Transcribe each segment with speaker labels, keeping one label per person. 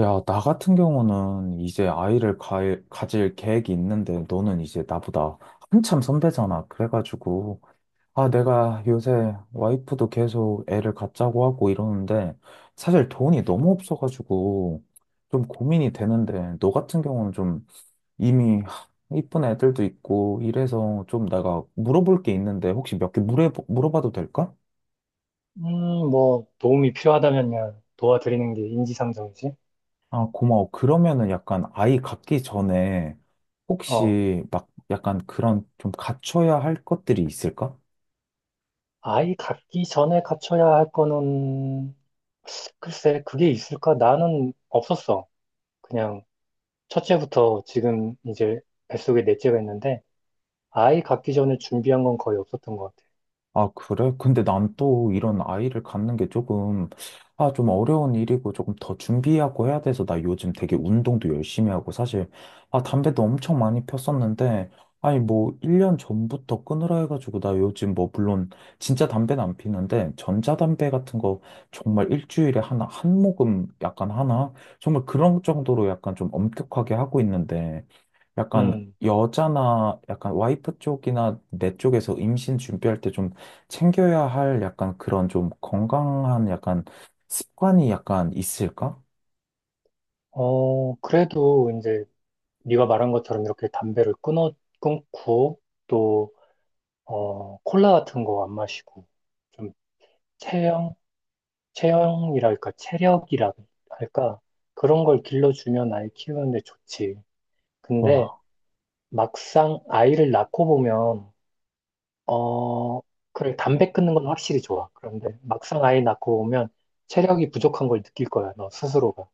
Speaker 1: 야, 나 같은 경우는 이제 가질 계획이 있는데 너는 이제 나보다 한참 선배잖아. 그래가지고, 아, 내가 요새 와이프도 계속 애를 갖자고 하고 이러는데 사실 돈이 너무 없어가지고 좀 고민이 되는데 너 같은 경우는 좀 이미 이쁜 애들도 있고 이래서 좀 내가 물어볼 게 있는데 혹시 몇 개 물어봐도 될까?
Speaker 2: 음, 뭐, 도움이 필요하다면야 도와드리는 게 인지상정이지.
Speaker 1: 아, 고마워. 그러면은 약간 아이 갖기 전에
Speaker 2: 어,
Speaker 1: 혹시 막 약간 그런 좀 갖춰야 할 것들이 있을까?
Speaker 2: 아이 갖기 전에 갖춰야 할 거는, 글쎄, 그게 있을까? 나는 없었어. 그냥, 첫째부터 지금 이제 뱃속에 넷째가 있는데, 아이 갖기 전에 준비한 건 거의 없었던 것 같아.
Speaker 1: 아, 그래? 근데 난 또
Speaker 2: 음.
Speaker 1: 이런 아이를 갖는 게 조금, 아, 좀 어려운 일이고 조금 더 준비하고 해야 돼서 나 요즘 되게 운동도 열심히 하고 사실, 아, 담배도 엄청 많이 폈었는데, 아니, 뭐, 1년 전부터 끊으라 해가지고 나 요즘 뭐, 물론 진짜 담배는 안 피는데, 전자담배 같은 거 정말 일주일에 하나, 한 모금 약간 하나? 정말 그런 정도로 약간 좀 엄격하게 하고 있는데, 약간
Speaker 2: 음.
Speaker 1: 여자나 약간 와이프 쪽이나 내 쪽에서 임신 준비할 때좀 챙겨야 할 약간 그런 좀 건강한 약간 습관이 약간 있을까?
Speaker 2: 그래도 이제, 네가 말한 것처럼 이렇게 담배를 끊고, 또, 콜라 같은 거 안 마시고, 좀 체형, 체형이랄까, 체력이라 할까, 그런 걸 길러주면 아이 키우는데 좋지. 근데
Speaker 1: 와,
Speaker 2: 막상 아이를 낳고 보면, 어, 그래, 담배 끊는 건 확실히 좋아. 그런데 막상 아이 낳고 보면 체력이 부족한 걸 느낄 거야, 너 스스로가.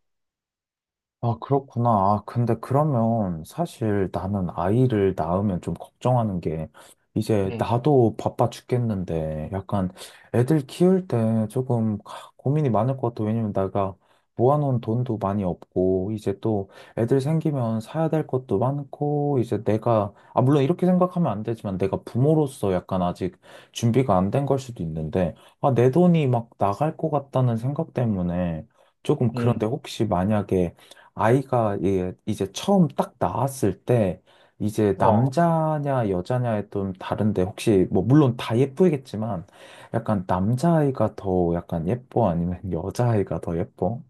Speaker 1: 아, 그렇구나. 아, 근데 그러면 사실 나는 아이를 낳으면 좀 걱정하는 게 이제
Speaker 2: 음.
Speaker 1: 나도 바빠 죽겠는데 약간 애들 키울 때 조금 고민이 많을 것 같아. 왜냐면 내가 모아놓은 돈도 많이 없고 이제 또 애들 생기면 사야 될 것도 많고 이제 내가 아, 물론 이렇게 생각하면 안 되지만 내가 부모로서 약간 아직 준비가 안 된 걸 수도 있는데 아, 내 돈이 막 나갈 것 같다는 생각 때문에 조금 그런데
Speaker 2: 음.
Speaker 1: 혹시 만약에 아이가 이 이제 처음 딱 나왔을 때 이제
Speaker 2: 어,
Speaker 1: 남자냐 여자냐에 좀 다른데 혹시 뭐 물론 다 예쁘겠지만 약간 남자아이가 더 약간 예뻐 아니면 여자아이가 더 예뻐?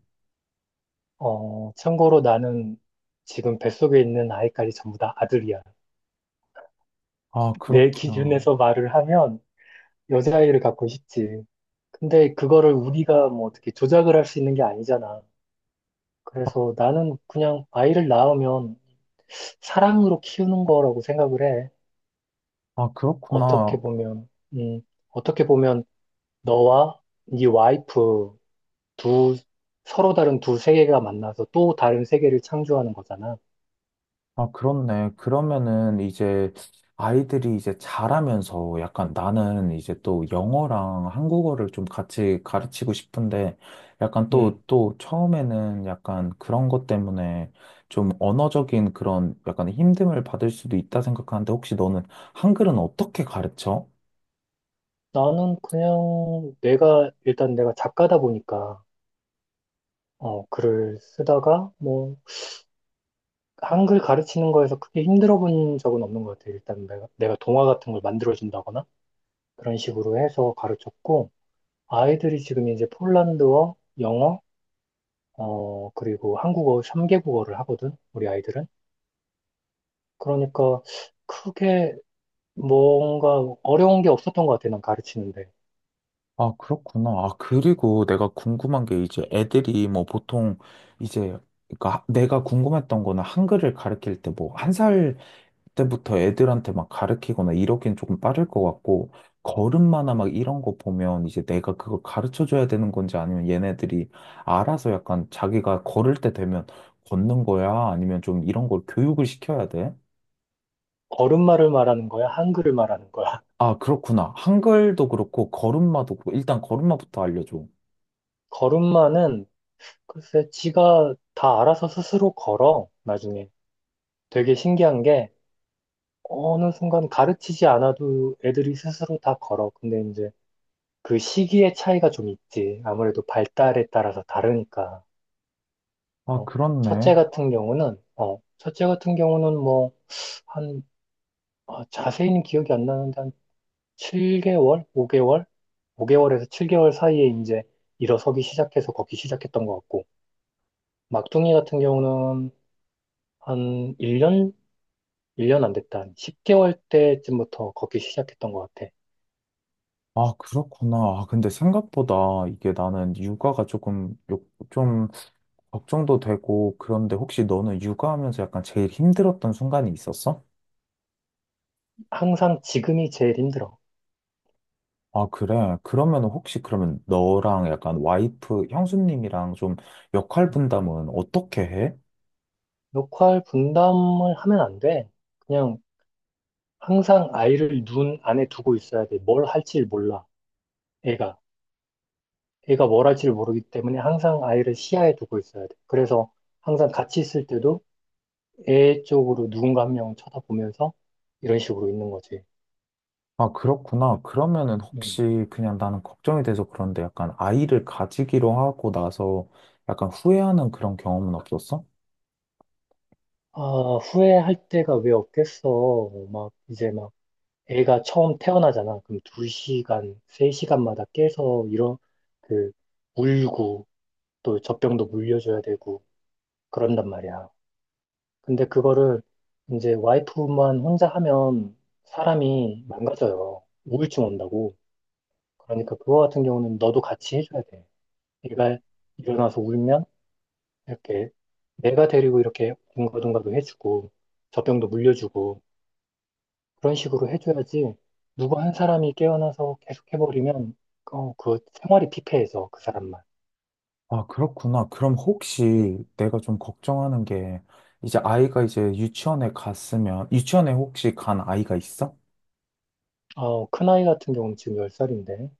Speaker 2: 참고로 나는 지금 뱃속에 있는 아이까지 전부 다 아들이야.
Speaker 1: 아
Speaker 2: 내
Speaker 1: 그렇구나.
Speaker 2: 기준에서 말을 하면 여자아이를 갖고 싶지. 근데 그거를 우리가 뭐 어떻게 조작을 할 수 있는 게 아니잖아. 그래서 나는 그냥 아이를 낳으면 사랑으로 키우는 거라고 생각을 해.
Speaker 1: 아
Speaker 2: 어떻게
Speaker 1: 그렇구나.
Speaker 2: 보면, 음, 어떻게 보면 너와 네 와이프 두, 서로 다른 두 세계가 만나서 또 다른 세계를 창조하는 거잖아.
Speaker 1: 아, 그렇네. 그러면은 이제 아이들이 이제 자라면서 약간 나는 이제 또 영어랑 한국어를 좀 같이 가르치고 싶은데 약간
Speaker 2: 음,
Speaker 1: 또 처음에는 약간 그런 것 때문에 좀 언어적인 그런 약간 힘듦을 받을 수도 있다 생각하는데 혹시 너는 한글은 어떻게 가르쳐?
Speaker 2: 나는 그냥 일단 내가 작가다 보니까, 글을 쓰다가, 뭐, 한글 가르치는 거에서 크게 힘들어 본 적은 없는 것 같아. 일단 내가 동화 같은 걸 만들어준다거나 그런 식으로 해서 가르쳤고, 아이들이 지금 이제 폴란드어, 영어, 그리고 한국어 3개국어를 하거든, 우리 아이들은. 그러니까 크게 뭔가 어려운 게 없었던 것 같아, 난 가르치는데.
Speaker 1: 아, 그렇구나. 아, 그리고 내가 궁금한 게
Speaker 2: 음.
Speaker 1: 이제 애들이 뭐 보통 이제 내가 궁금했던 거는 한글을 가르칠 때 뭐 한살 때부터 애들한테 막 가르치거나 이러기엔 조금 빠를 것 같고, 걸음마나 막 이런 거 보면 이제 내가 그걸 가르쳐 줘야 되는 건지 아니면 얘네들이 알아서 약간 자기가 걸을 때 되면 걷는 거야? 아니면 좀 이런 걸 교육을 시켜야 돼?
Speaker 2: 걸음마를 말하는 거야? 한글을 말하는 거야?
Speaker 1: 아, 그렇구나. 한글도 그렇고, 걸음마도 그렇고, 일단 걸음마부터 알려줘.
Speaker 2: 걸음마는 글쎄 지가 다 알아서 스스로 걸어, 나중에. 되게 신기한 게 어느 순간 가르치지 않아도 애들이 스스로 다 걸어. 근데 이제 그 시기의 차이가 좀 있지. 아무래도 발달에 따라서 다르니까.
Speaker 1: 아,
Speaker 2: 어,
Speaker 1: 그렇네.
Speaker 2: 첫째 같은 경우는 뭐, 한, 자세히는 기억이 안 나는데, 한 7개월? 5개월? 5개월에서 7개월 사이에 이제 일어서기 시작해서 걷기 시작했던 것 같고, 막둥이 같은 경우는 한 1년? 1년 안 됐다. 한 10개월 때쯤부터 걷기 시작했던 것 같아.
Speaker 1: 아, 그렇구나. 아, 근데 생각보다 이게 나는 육아가 조금, 좀 걱정도 되고, 그런데 혹시 너는 육아하면서 약간 제일 힘들었던 순간이 있었어?
Speaker 2: 항상 지금이 제일 힘들어.
Speaker 1: 아, 그래. 그러면 혹시 그러면 너랑 약간 와이프, 형수님이랑 좀 역할 분담은 어떻게 해?
Speaker 2: 역할 분담을 하면 안 돼. 그냥 항상 아이를 눈 안에 두고 있어야 돼. 뭘 할지 몰라, 애가. 애가 뭘 할지를 모르기 때문에 항상 아이를 시야에 두고 있어야 돼. 그래서 항상 같이 있을 때도 애 쪽으로 누군가 한 명 쳐다보면서 이런 식으로 있는 거지.
Speaker 1: 아, 그렇구나. 그러면은
Speaker 2: 음.
Speaker 1: 혹시 그냥 나는 걱정이 돼서 그런데 약간 아이를 가지기로 하고 나서 약간 후회하는 그런 경험은 없었어?
Speaker 2: 아, 후회할 때가 왜 없겠어. 막 이제 막 애가 처음 태어나잖아. 그럼 2시간 3시간마다 깨서 이런 그 울고 또 젖병도 물려줘야 되고 그런단 말이야. 근데 그거를 이제 와이프만 혼자 하면 사람이 망가져요. 우울증 온다고. 그러니까 그거 같은 경우는 너도 같이 해줘야 돼. 얘가 일어나서 울면 이렇게 내가 데리고 이렇게 둥가둥가도 해주고 젖병도 물려주고 그런 식으로 해줘야지 누구 한 사람이 깨어나서 계속 해버리면 그 생활이 피폐해서 그 사람만.
Speaker 1: 아, 그렇구나. 그럼 혹시
Speaker 2: 음.
Speaker 1: 내가 좀 걱정하는 게 이제 아이가 이제 유치원에 갔으면, 유치원에 혹시 간 아이가 있어?
Speaker 2: 큰아이 같은 경우는 지금 10살인데.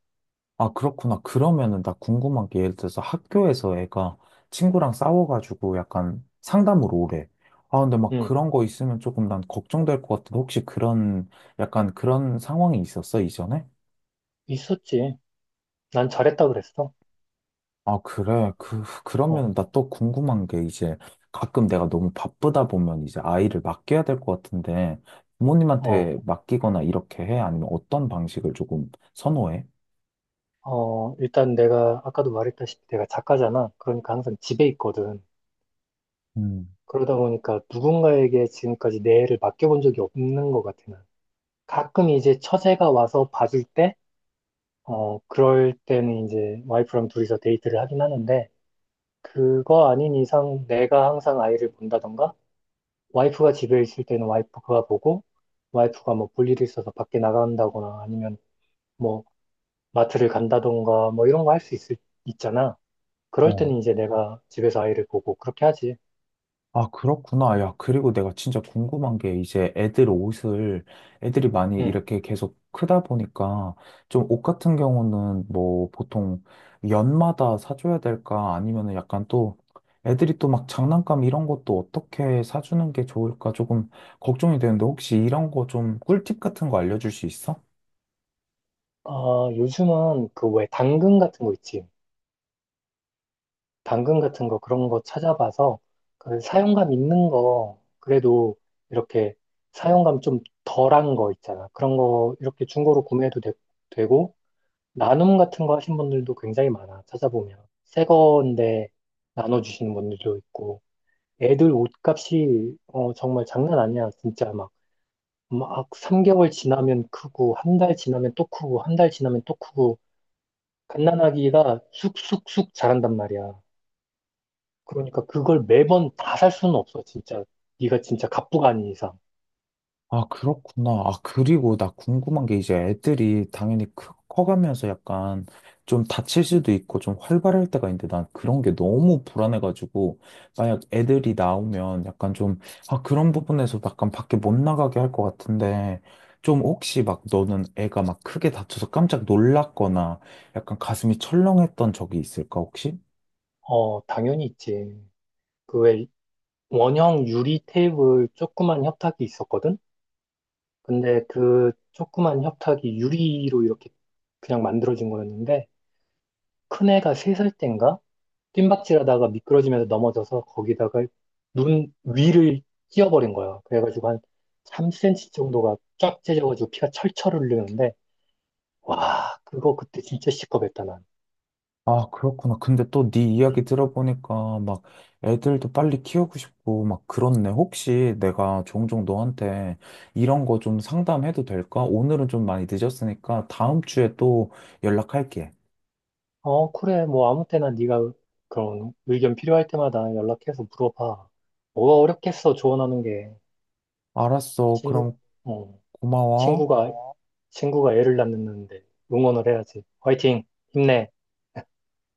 Speaker 1: 아, 그렇구나. 그러면은 나 궁금한 게 예를 들어서 학교에서 애가 친구랑 싸워가지고 약간 상담으로 오래. 아, 근데 막
Speaker 2: 음.
Speaker 1: 그런 거 있으면 조금 난 걱정될 것 같은데 혹시 그런 약간 그런 상황이 있었어, 이전에?
Speaker 2: 있었지. 난 잘했다 그랬어.
Speaker 1: 아, 그래.
Speaker 2: 어,
Speaker 1: 그러면 나 또 궁금한 게 이제 가끔 내가 너무 바쁘다 보면 이제 아이를 맡겨야 될 것 같은데 부모님한테
Speaker 2: 어,
Speaker 1: 맡기거나 이렇게 해? 아니면 어떤 방식을 조금 선호해?
Speaker 2: 일단 내가 아까도 말했다시피 내가 작가잖아. 그러니까 항상 집에 있거든.
Speaker 1: 음.
Speaker 2: 그러다 보니까 누군가에게 지금까지 내 애를 맡겨본 적이 없는 것 같아, 난. 가끔 이제 처제가 와서 봐줄 때, 그럴 때는 이제 와이프랑 둘이서 데이트를 하긴 하는데, 그거 아닌 이상 내가 항상 아이를 본다던가, 와이프가 집에 있을 때는 와이프가 보고, 와이프가 뭐 볼 일이 있어서 밖에 나간다거나 아니면 뭐 마트를 간다던가 뭐 이런 거 있잖아. 그럴
Speaker 1: 어.
Speaker 2: 때는 이제 내가 집에서 아이를 보고 그렇게 하지.
Speaker 1: 아, 그렇구나. 야, 그리고 내가 진짜 궁금한 게 이제 애들 옷을 애들이 많이
Speaker 2: 응.
Speaker 1: 이렇게 계속 크다 보니까 좀 옷 같은 경우는 뭐 보통 연마다 사줘야 될까 아니면은 약간 또 애들이 또 막 장난감 이런 것도 어떻게 사주는 게 좋을까 조금 걱정이 되는데 혹시 이런 거 좀 꿀팁 같은 거 알려줄 수 있어?
Speaker 2: 요즘은 그 왜 당근 같은 거 있지. 당근 같은 거 그런 거 찾아봐서 그 사용감 있는 거 그래도 이렇게 사용감 좀 덜한 거 있잖아. 그런 거 이렇게 중고로 구매해도 되, 고 나눔 같은 거 하신 분들도 굉장히 많아. 찾아보면 새 건데 나눠주시는 분들도 있고 애들 옷값이 정말 장난 아니야. 진짜 막 3개월 지나면 크고 한 달 지나면 또 크고 한 달 지나면 또 크고 갓난아기가 쑥쑥쑥 자란단 말이야. 그러니까 그걸 매번 다 살 수는 없어, 진짜. 네가 진짜 갑부가 아닌 이상.
Speaker 1: 아, 그렇구나. 아, 그리고 나 궁금한 게 이제 애들이 당연히 커가면서 약간 좀 다칠 수도 있고 좀 활발할 때가 있는데 난 그런 게 너무 불안해가지고 만약 애들이 나오면 약간 좀, 아, 그런 부분에서 약간 밖에 못 나가게 할 것 같은데 좀 혹시 막 너는 애가 막 크게 다쳐서 깜짝 놀랐거나 약간 가슴이 철렁했던 적이 있을까, 혹시?
Speaker 2: 당연히 있지. 그 왜 원형 유리 테이블 조그만 협탁이 있었거든? 근데 그 조그만 협탁이 유리로 이렇게 그냥 만들어진 거였는데 큰 애가 3살 땐가 뜀박질하다가 미끄러지면서 넘어져서 거기다가 눈 위를 찧어버린 거야. 그래가지고 한 3cm 정도가 쫙 찢어가지고 피가 철철 흘리는데 와, 그거 그때 진짜 시겁했다, 난.
Speaker 1: 아, 그렇구나. 근데 또 네 이야기
Speaker 2: 음.
Speaker 1: 들어보니까 막 애들도 빨리 키우고 싶고 막 그렇네. 혹시 내가 종종 너한테 이런 거 좀 상담해도 될까? 오늘은 좀 많이 늦었으니까 다음 주에 또 연락할게.
Speaker 2: 그래. 뭐 아무 때나 네가 그런 의견 필요할 때마다 연락해서 물어봐. 뭐가 어렵겠어, 조언하는 게.
Speaker 1: 알았어.
Speaker 2: 친구,
Speaker 1: 그럼
Speaker 2: 어,
Speaker 1: 고마워.
Speaker 2: 친구가, 친구가 애를 낳는데 응원을 해야지. 화이팅! 힘내!